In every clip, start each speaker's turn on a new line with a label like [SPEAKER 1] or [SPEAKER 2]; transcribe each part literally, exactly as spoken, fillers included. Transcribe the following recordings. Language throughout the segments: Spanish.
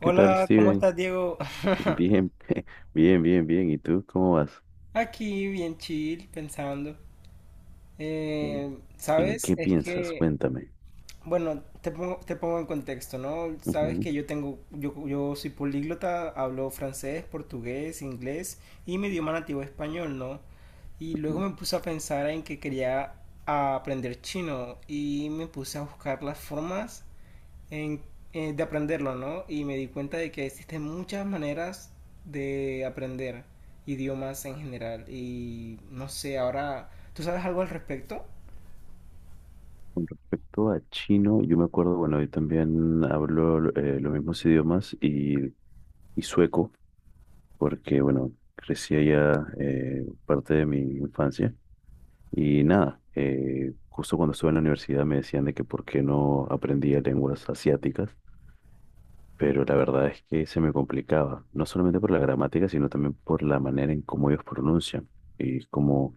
[SPEAKER 1] ¿Qué tal,
[SPEAKER 2] Hola, ¿cómo
[SPEAKER 1] Steven?
[SPEAKER 2] estás, Diego?
[SPEAKER 1] Bien, bien, bien, bien. ¿Y tú cómo vas?
[SPEAKER 2] Aquí bien chill, pensando.
[SPEAKER 1] ¿En,
[SPEAKER 2] Eh,
[SPEAKER 1] en
[SPEAKER 2] ¿sabes?
[SPEAKER 1] qué
[SPEAKER 2] Es
[SPEAKER 1] piensas?
[SPEAKER 2] que,
[SPEAKER 1] Cuéntame.
[SPEAKER 2] bueno, te pongo, te pongo en contexto, ¿no? Sabes
[SPEAKER 1] Ujú.
[SPEAKER 2] que yo tengo, yo, yo soy políglota, hablo francés, portugués, inglés y mi idioma nativo es español, ¿no? Y luego me puse a pensar en que quería aprender chino y me puse a buscar las formas en- eh, de aprenderlo, ¿no? Y me di cuenta de que existen muchas maneras de aprender idiomas en general. Y no sé, ahora, ¿tú sabes algo al respecto?
[SPEAKER 1] Con respecto a chino, yo me acuerdo, bueno, yo también hablo eh, los mismos idiomas y, y sueco, porque, bueno, crecí allá eh, parte de mi infancia. Y nada, eh, justo cuando estuve en la universidad me decían de que por qué no aprendía lenguas asiáticas. Pero la verdad es que se me complicaba, no solamente por la gramática, sino también por la manera en cómo ellos pronuncian y cómo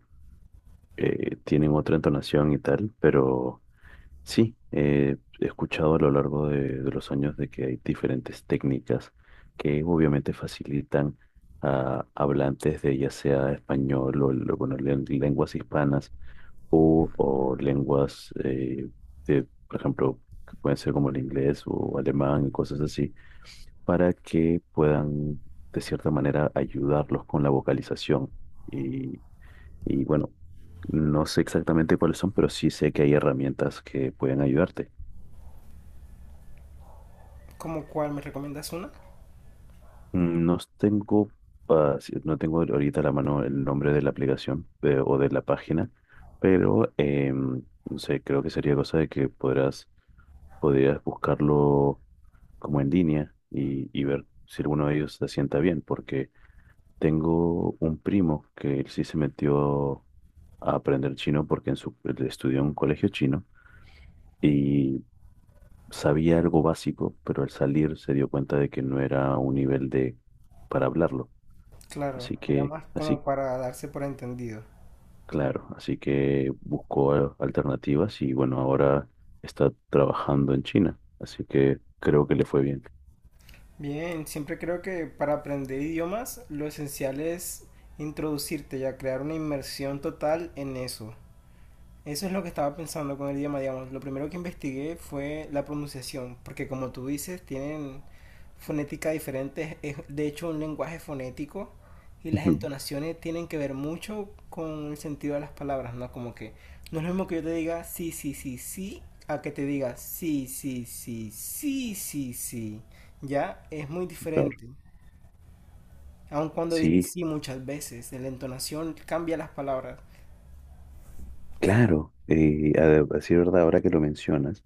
[SPEAKER 1] eh, tienen otra entonación y tal, pero sí, eh, he escuchado a lo largo de, de los años de que hay diferentes técnicas que obviamente facilitan a hablantes de ya sea español o, lo- bueno, len- lenguas hispanas o, o lenguas eh, de, por ejemplo, que pueden ser como el inglés o alemán y cosas así para que puedan, de cierta manera, ayudarlos con la vocalización. Y, y bueno, no sé exactamente cuáles son, pero sí sé que hay herramientas que pueden ayudarte.
[SPEAKER 2] ¿Como cuál? ¿Me recomiendas una?
[SPEAKER 1] Mm, No tengo, ah, sí, no tengo ahorita a la mano el nombre de la aplicación eh, o de la página, pero em, no sé, creo que sería cosa de que podrás, podrías buscarlo como en línea y, y ver si alguno de ellos se sienta bien, porque tengo un primo que él sí se metió a aprender chino porque en su, él estudió en un colegio chino y sabía algo básico, pero al salir se dio cuenta de que no era un nivel de para hablarlo.
[SPEAKER 2] Claro,
[SPEAKER 1] Así
[SPEAKER 2] era
[SPEAKER 1] que,
[SPEAKER 2] más como
[SPEAKER 1] así,
[SPEAKER 2] para darse por entendido.
[SPEAKER 1] claro, así que buscó a- alternativas y bueno, ahora está trabajando en China. Así que creo que le fue bien.
[SPEAKER 2] Bien, siempre creo que para aprender idiomas lo esencial es introducirte y a crear una inmersión total en eso. Eso es lo que estaba pensando con el idioma, digamos. Lo primero que investigué fue la pronunciación, porque como tú dices, tienen fonética diferente, es de hecho un lenguaje fonético y las
[SPEAKER 1] Ujú.
[SPEAKER 2] entonaciones tienen que ver mucho con el sentido de las palabras, ¿no? Como que no es lo mismo que yo te diga sí, sí, sí, sí, a que te diga sí, sí, sí, sí, sí, sí. Ya es muy
[SPEAKER 1] Claro.
[SPEAKER 2] diferente. Aun cuando dije
[SPEAKER 1] Sí,
[SPEAKER 2] sí muchas veces, la entonación cambia las palabras.
[SPEAKER 1] claro. Eh, a, a decir verdad, ahora que lo mencionas.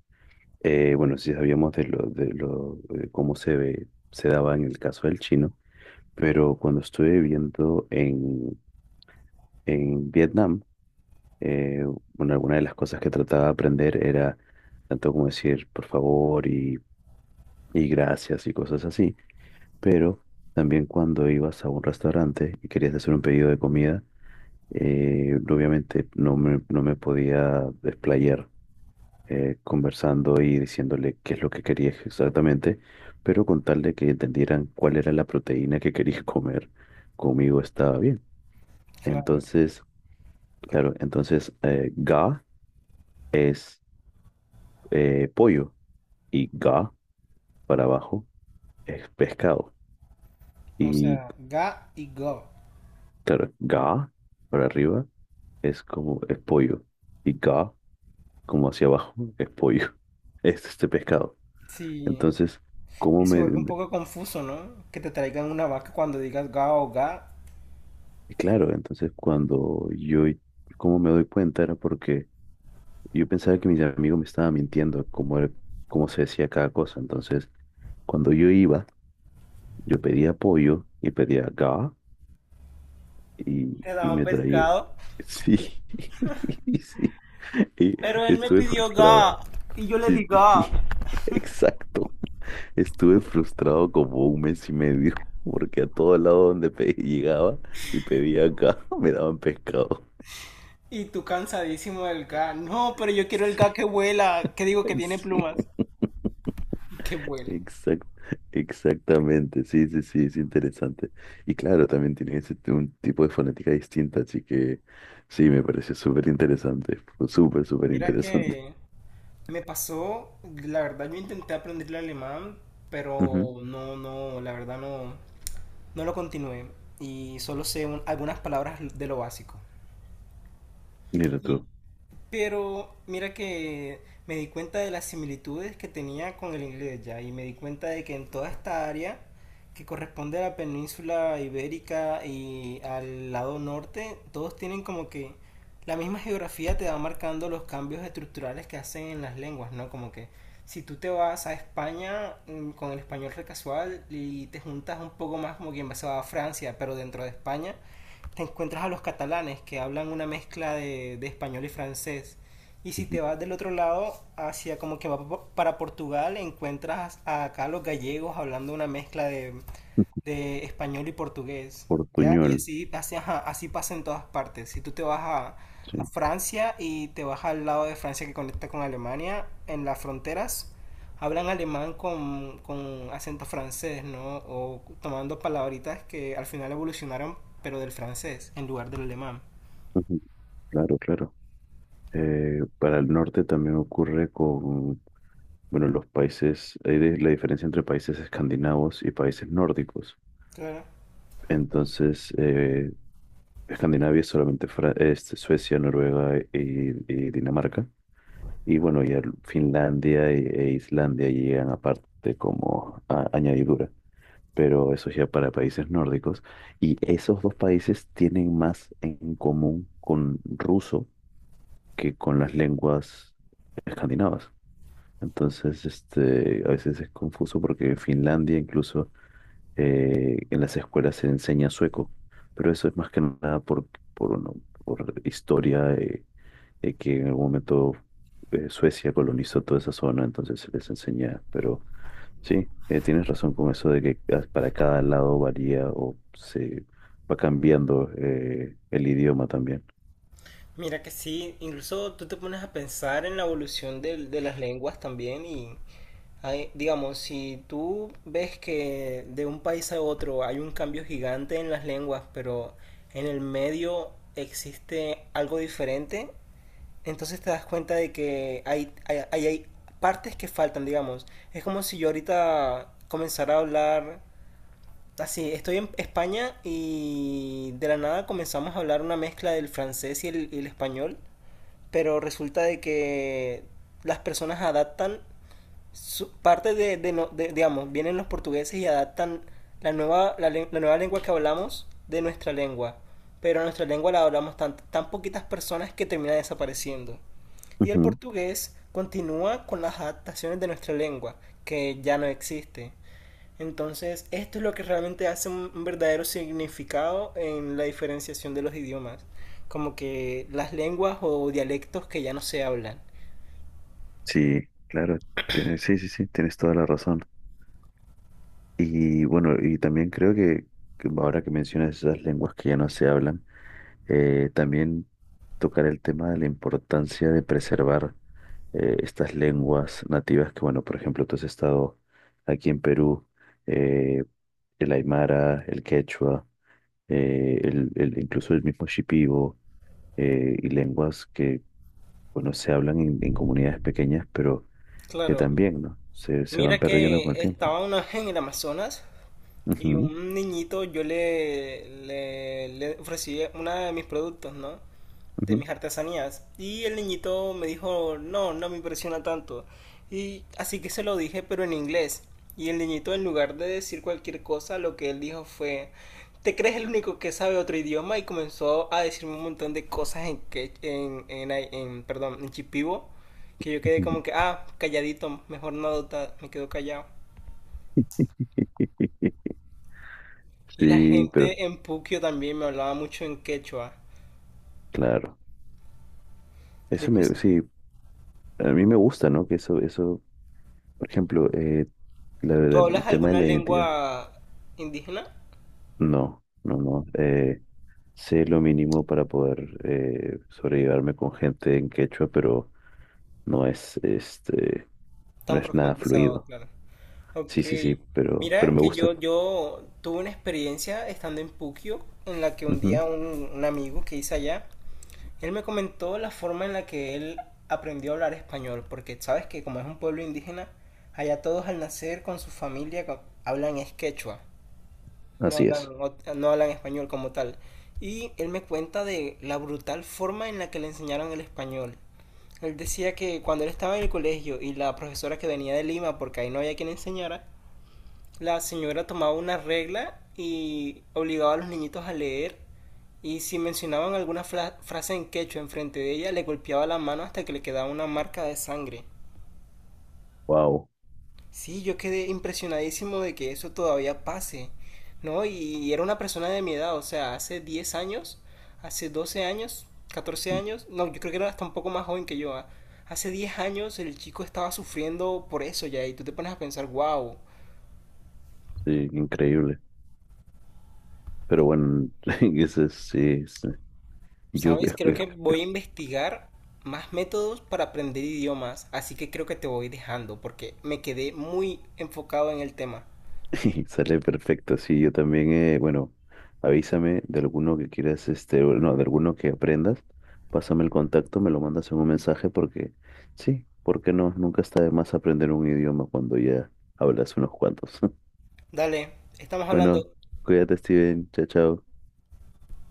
[SPEAKER 1] Eh, bueno, sí sabíamos de lo, de lo, de cómo se ve, se daba en el caso del chino, pero cuando estuve viviendo en, en Vietnam, eh, bueno, alguna de las cosas que trataba de aprender era tanto como decir por favor y, y gracias y cosas así, pero también cuando ibas a un restaurante y querías hacer un pedido de comida, eh, obviamente no me, no me podía desplayar eh, conversando y diciéndole qué es lo que quería exactamente, pero con tal de que entendieran cuál era la proteína que quería comer, conmigo estaba bien.
[SPEAKER 2] Claro.
[SPEAKER 1] Entonces, claro, entonces eh, ga es eh, pollo y ga para abajo es pescado.
[SPEAKER 2] O
[SPEAKER 1] Y
[SPEAKER 2] sea, ga y go.
[SPEAKER 1] claro, ga para arriba es como es pollo y ga como hacia abajo es pollo, es este pescado.
[SPEAKER 2] Sí,
[SPEAKER 1] Entonces, ¿cómo
[SPEAKER 2] se
[SPEAKER 1] me,
[SPEAKER 2] vuelve un poco confuso, ¿no? Que te traigan una vaca cuando digas ga o ga.
[SPEAKER 1] y claro, entonces cuando yo, cómo me doy cuenta, era porque yo pensaba que mis amigos me estaban mintiendo, como, era- como se decía cada cosa. Entonces, cuando yo iba, yo pedía pollo y pedía ga y,
[SPEAKER 2] Te
[SPEAKER 1] y
[SPEAKER 2] daban
[SPEAKER 1] me traía.
[SPEAKER 2] pescado,
[SPEAKER 1] Sí, sí. Y
[SPEAKER 2] pero él me
[SPEAKER 1] estuve
[SPEAKER 2] pidió
[SPEAKER 1] frustrado.
[SPEAKER 2] ga y yo le di
[SPEAKER 1] Sí,
[SPEAKER 2] ga.
[SPEAKER 1] exacto. Estuve frustrado como un mes y medio, porque a todo lado donde pe- llegaba y pedía acá, me daban pescado.
[SPEAKER 2] Y tú cansadísimo del ga. No, pero yo quiero el ga que
[SPEAKER 1] Sí.
[SPEAKER 2] vuela, que digo que tiene
[SPEAKER 1] Sí,
[SPEAKER 2] plumas. Que vuele.
[SPEAKER 1] exact- exactamente, sí, sí, sí, es interesante. Y claro, también tiene ese t- un tipo de fonética distinta, así que sí, me pareció súper interesante, fue súper, súper
[SPEAKER 2] Mira
[SPEAKER 1] interesante.
[SPEAKER 2] que me pasó, la verdad yo intenté aprender el alemán,
[SPEAKER 1] Ujú.
[SPEAKER 2] pero no, no, la verdad no, no lo continué. Y solo sé un- algunas palabras de lo básico.
[SPEAKER 1] Mira tú.
[SPEAKER 2] Pero mira que me di cuenta de las similitudes que tenía con el inglés ya y me di cuenta de que en toda esta área que corresponde a la península ibérica y al lado norte, todos tienen como que la misma geografía te va marcando los cambios estructurales que hacen en las lenguas, ¿no? Como que si tú te vas a España mm, con el español recasual y te juntas un poco más como quien va se va a Francia, pero dentro de España, te encuentras a los catalanes que hablan una mezcla de, de español y francés. Y si
[SPEAKER 1] Ujú.
[SPEAKER 2] te vas del otro lado, hacia como que va para Portugal, encuentras a acá los gallegos hablando una mezcla de, de español y portugués, ¿ya? Y
[SPEAKER 1] Portuñol,
[SPEAKER 2] así, así, ajá, así pasa en todas partes. Si tú te vas a, a
[SPEAKER 1] sí.
[SPEAKER 2] Francia y te vas al lado de Francia que conecta con Alemania, en las fronteras hablan alemán con, con acento francés, ¿no? O tomando palabritas que al final evolucionaron, pero del francés, en lugar del alemán.
[SPEAKER 1] Ujú. Claro, claro. Eh, para el norte también ocurre con, bueno, los países, hay de- la diferencia entre países escandinavos y países nórdicos.
[SPEAKER 2] Claro.
[SPEAKER 1] Entonces, eh, Escandinavia es solamente Fra- este, Suecia, Noruega y, y Dinamarca. Y bueno, ya Finlandia e, e Islandia llegan aparte como a- añadidura, pero eso ya para países nórdicos. Y esos dos países tienen más en común con ruso que con las lenguas escandinavas. Entonces, este, a veces es confuso porque Finlandia incluso eh, en las escuelas se enseña sueco, pero eso es más que nada por, por, no- por historia, eh, eh, que en algún momento eh, Suecia colonizó toda esa zona, entonces se les enseña, pero sí, eh, tienes razón con eso de que ca- para cada lado varía o se va cambiando eh, el idioma también.
[SPEAKER 2] Mira que sí, incluso tú te pones a pensar en la evolución del- de, las lenguas también y hay- digamos, si tú ves que de un país a otro hay un cambio gigante en las lenguas, pero en el medio existe algo diferente, entonces te das cuenta de que hay, hay, hay- hay partes que faltan, digamos. Es como si yo ahorita comenzara a hablar... Así, estoy en España y de la nada comenzamos a hablar una mezcla del francés y el, y el español, pero resulta de que las personas adaptan su, parte de, de, no- de- digamos, vienen los portugueses y adaptan la nueva, la, la nueva lengua que hablamos de nuestra lengua, pero nuestra lengua la hablamos tan, tan poquitas personas que termina desapareciendo. Y el
[SPEAKER 1] Ujú.
[SPEAKER 2] portugués continúa con las adaptaciones de nuestra lengua, que ya no existe. Entonces, esto es lo que realmente hace un verdadero significado en la diferenciación de los idiomas, como que las lenguas o dialectos que ya no se hablan.
[SPEAKER 1] Sí, claro, tienes- sí, sí, sí, tienes toda la razón. Y bueno, y también creo que que ahora que mencionas esas lenguas que ya no se hablan, Eh, también tocar el tema de la importancia de preservar eh, estas lenguas nativas que, bueno, por ejemplo, tú has estado aquí en Perú, eh, el aymara, el quechua, eh, el, el- incluso el mismo shipibo, eh, y lenguas que, bueno, se hablan en, en comunidades pequeñas, pero que
[SPEAKER 2] Claro,
[SPEAKER 1] también, ¿no? Se, se van
[SPEAKER 2] mira
[SPEAKER 1] perdiendo
[SPEAKER 2] que
[SPEAKER 1] con el tiempo.
[SPEAKER 2] estaba una vez en el Amazonas y
[SPEAKER 1] Ujú,
[SPEAKER 2] un niñito yo le, le, le ofrecí uno de mis productos, ¿no? De
[SPEAKER 1] ujú,
[SPEAKER 2] mis artesanías. Y el niñito me dijo, no, no me impresiona tanto. Y así que se lo dije, pero en inglés. Y el niñito, en lugar de decir cualquier cosa, lo que él dijo fue, ¿te crees el único que sabe otro idioma? Y comenzó a decirme un montón de cosas en, que, en, en, en, perdón, en chipivo, que yo quedé
[SPEAKER 1] ujú.
[SPEAKER 2] como que, ah, calladito, mejor no adoptar, me quedo callado. Y la
[SPEAKER 1] Sí, pero
[SPEAKER 2] gente en Puquio también me hablaba mucho en quechua.
[SPEAKER 1] claro,
[SPEAKER 2] De
[SPEAKER 1] eso
[SPEAKER 2] hecho,
[SPEAKER 1] me, sí, a mí me gusta, ¿no? Que eso, eso por ejemplo, eh, la-
[SPEAKER 2] ¿tú
[SPEAKER 1] la- el
[SPEAKER 2] hablas
[SPEAKER 1] tema de
[SPEAKER 2] alguna
[SPEAKER 1] la identidad.
[SPEAKER 2] lengua indígena?
[SPEAKER 1] No, no, no. Eh, sé lo mínimo para poder eh, sobrellevarme con gente en quechua, pero no es, este, no
[SPEAKER 2] Tan
[SPEAKER 1] es nada
[SPEAKER 2] profundizado,
[SPEAKER 1] fluido.
[SPEAKER 2] claro. Ok.
[SPEAKER 1] Sí, sí, sí, pero, pero
[SPEAKER 2] Mira
[SPEAKER 1] me
[SPEAKER 2] que
[SPEAKER 1] gusta.
[SPEAKER 2] yo, yo tuve una experiencia estando en Puquio, en la que un
[SPEAKER 1] Ujú.
[SPEAKER 2] día un, un amigo que hice allá, él me comentó la forma en la que él aprendió a hablar español, porque sabes que como es un pueblo indígena, allá todos al nacer con su familia co- hablan es quechua, no
[SPEAKER 1] Así
[SPEAKER 2] hablan,
[SPEAKER 1] es.
[SPEAKER 2] ot- no hablan español como tal. Y él me cuenta de la brutal forma en la que le enseñaron el español. Él decía que cuando él estaba en el colegio y la profesora que venía de Lima, porque ahí no había quien enseñara, la señora tomaba una regla y obligaba a los niñitos a leer. Y si mencionaban alguna fra- frase en quechua enfrente de ella, le golpeaba la mano hasta que le quedaba una marca de sangre.
[SPEAKER 1] Wow.
[SPEAKER 2] Sí, yo quedé impresionadísimo de que eso todavía pase, ¿no? Y era una persona de mi edad, o sea, hace diez años, hace doce años, catorce años, no, yo creo que era hasta un poco más joven que yo, ah. Hace diez años el chico estaba sufriendo por eso ya, y tú te pones a pensar, wow,
[SPEAKER 1] Sí, increíble. Pero bueno, ese es- sí, sí. Yo
[SPEAKER 2] ¿sabes?
[SPEAKER 1] es-
[SPEAKER 2] Creo
[SPEAKER 1] es-
[SPEAKER 2] que voy
[SPEAKER 1] escucho.
[SPEAKER 2] a investigar más métodos para aprender idiomas, así que creo que te voy dejando porque me quedé muy enfocado en el tema.
[SPEAKER 1] Sale perfecto, sí, yo también, eh, bueno, avísame de alguno que quieras, este, o no, de alguno que aprendas, pásame el contacto, me lo mandas en un mensaje porque, sí, ¿porque no? Nunca está de más aprender un idioma cuando ya hablas unos cuantos.
[SPEAKER 2] Dale, estamos hablando.
[SPEAKER 1] Bueno, cuídate, Steven, chao, chao.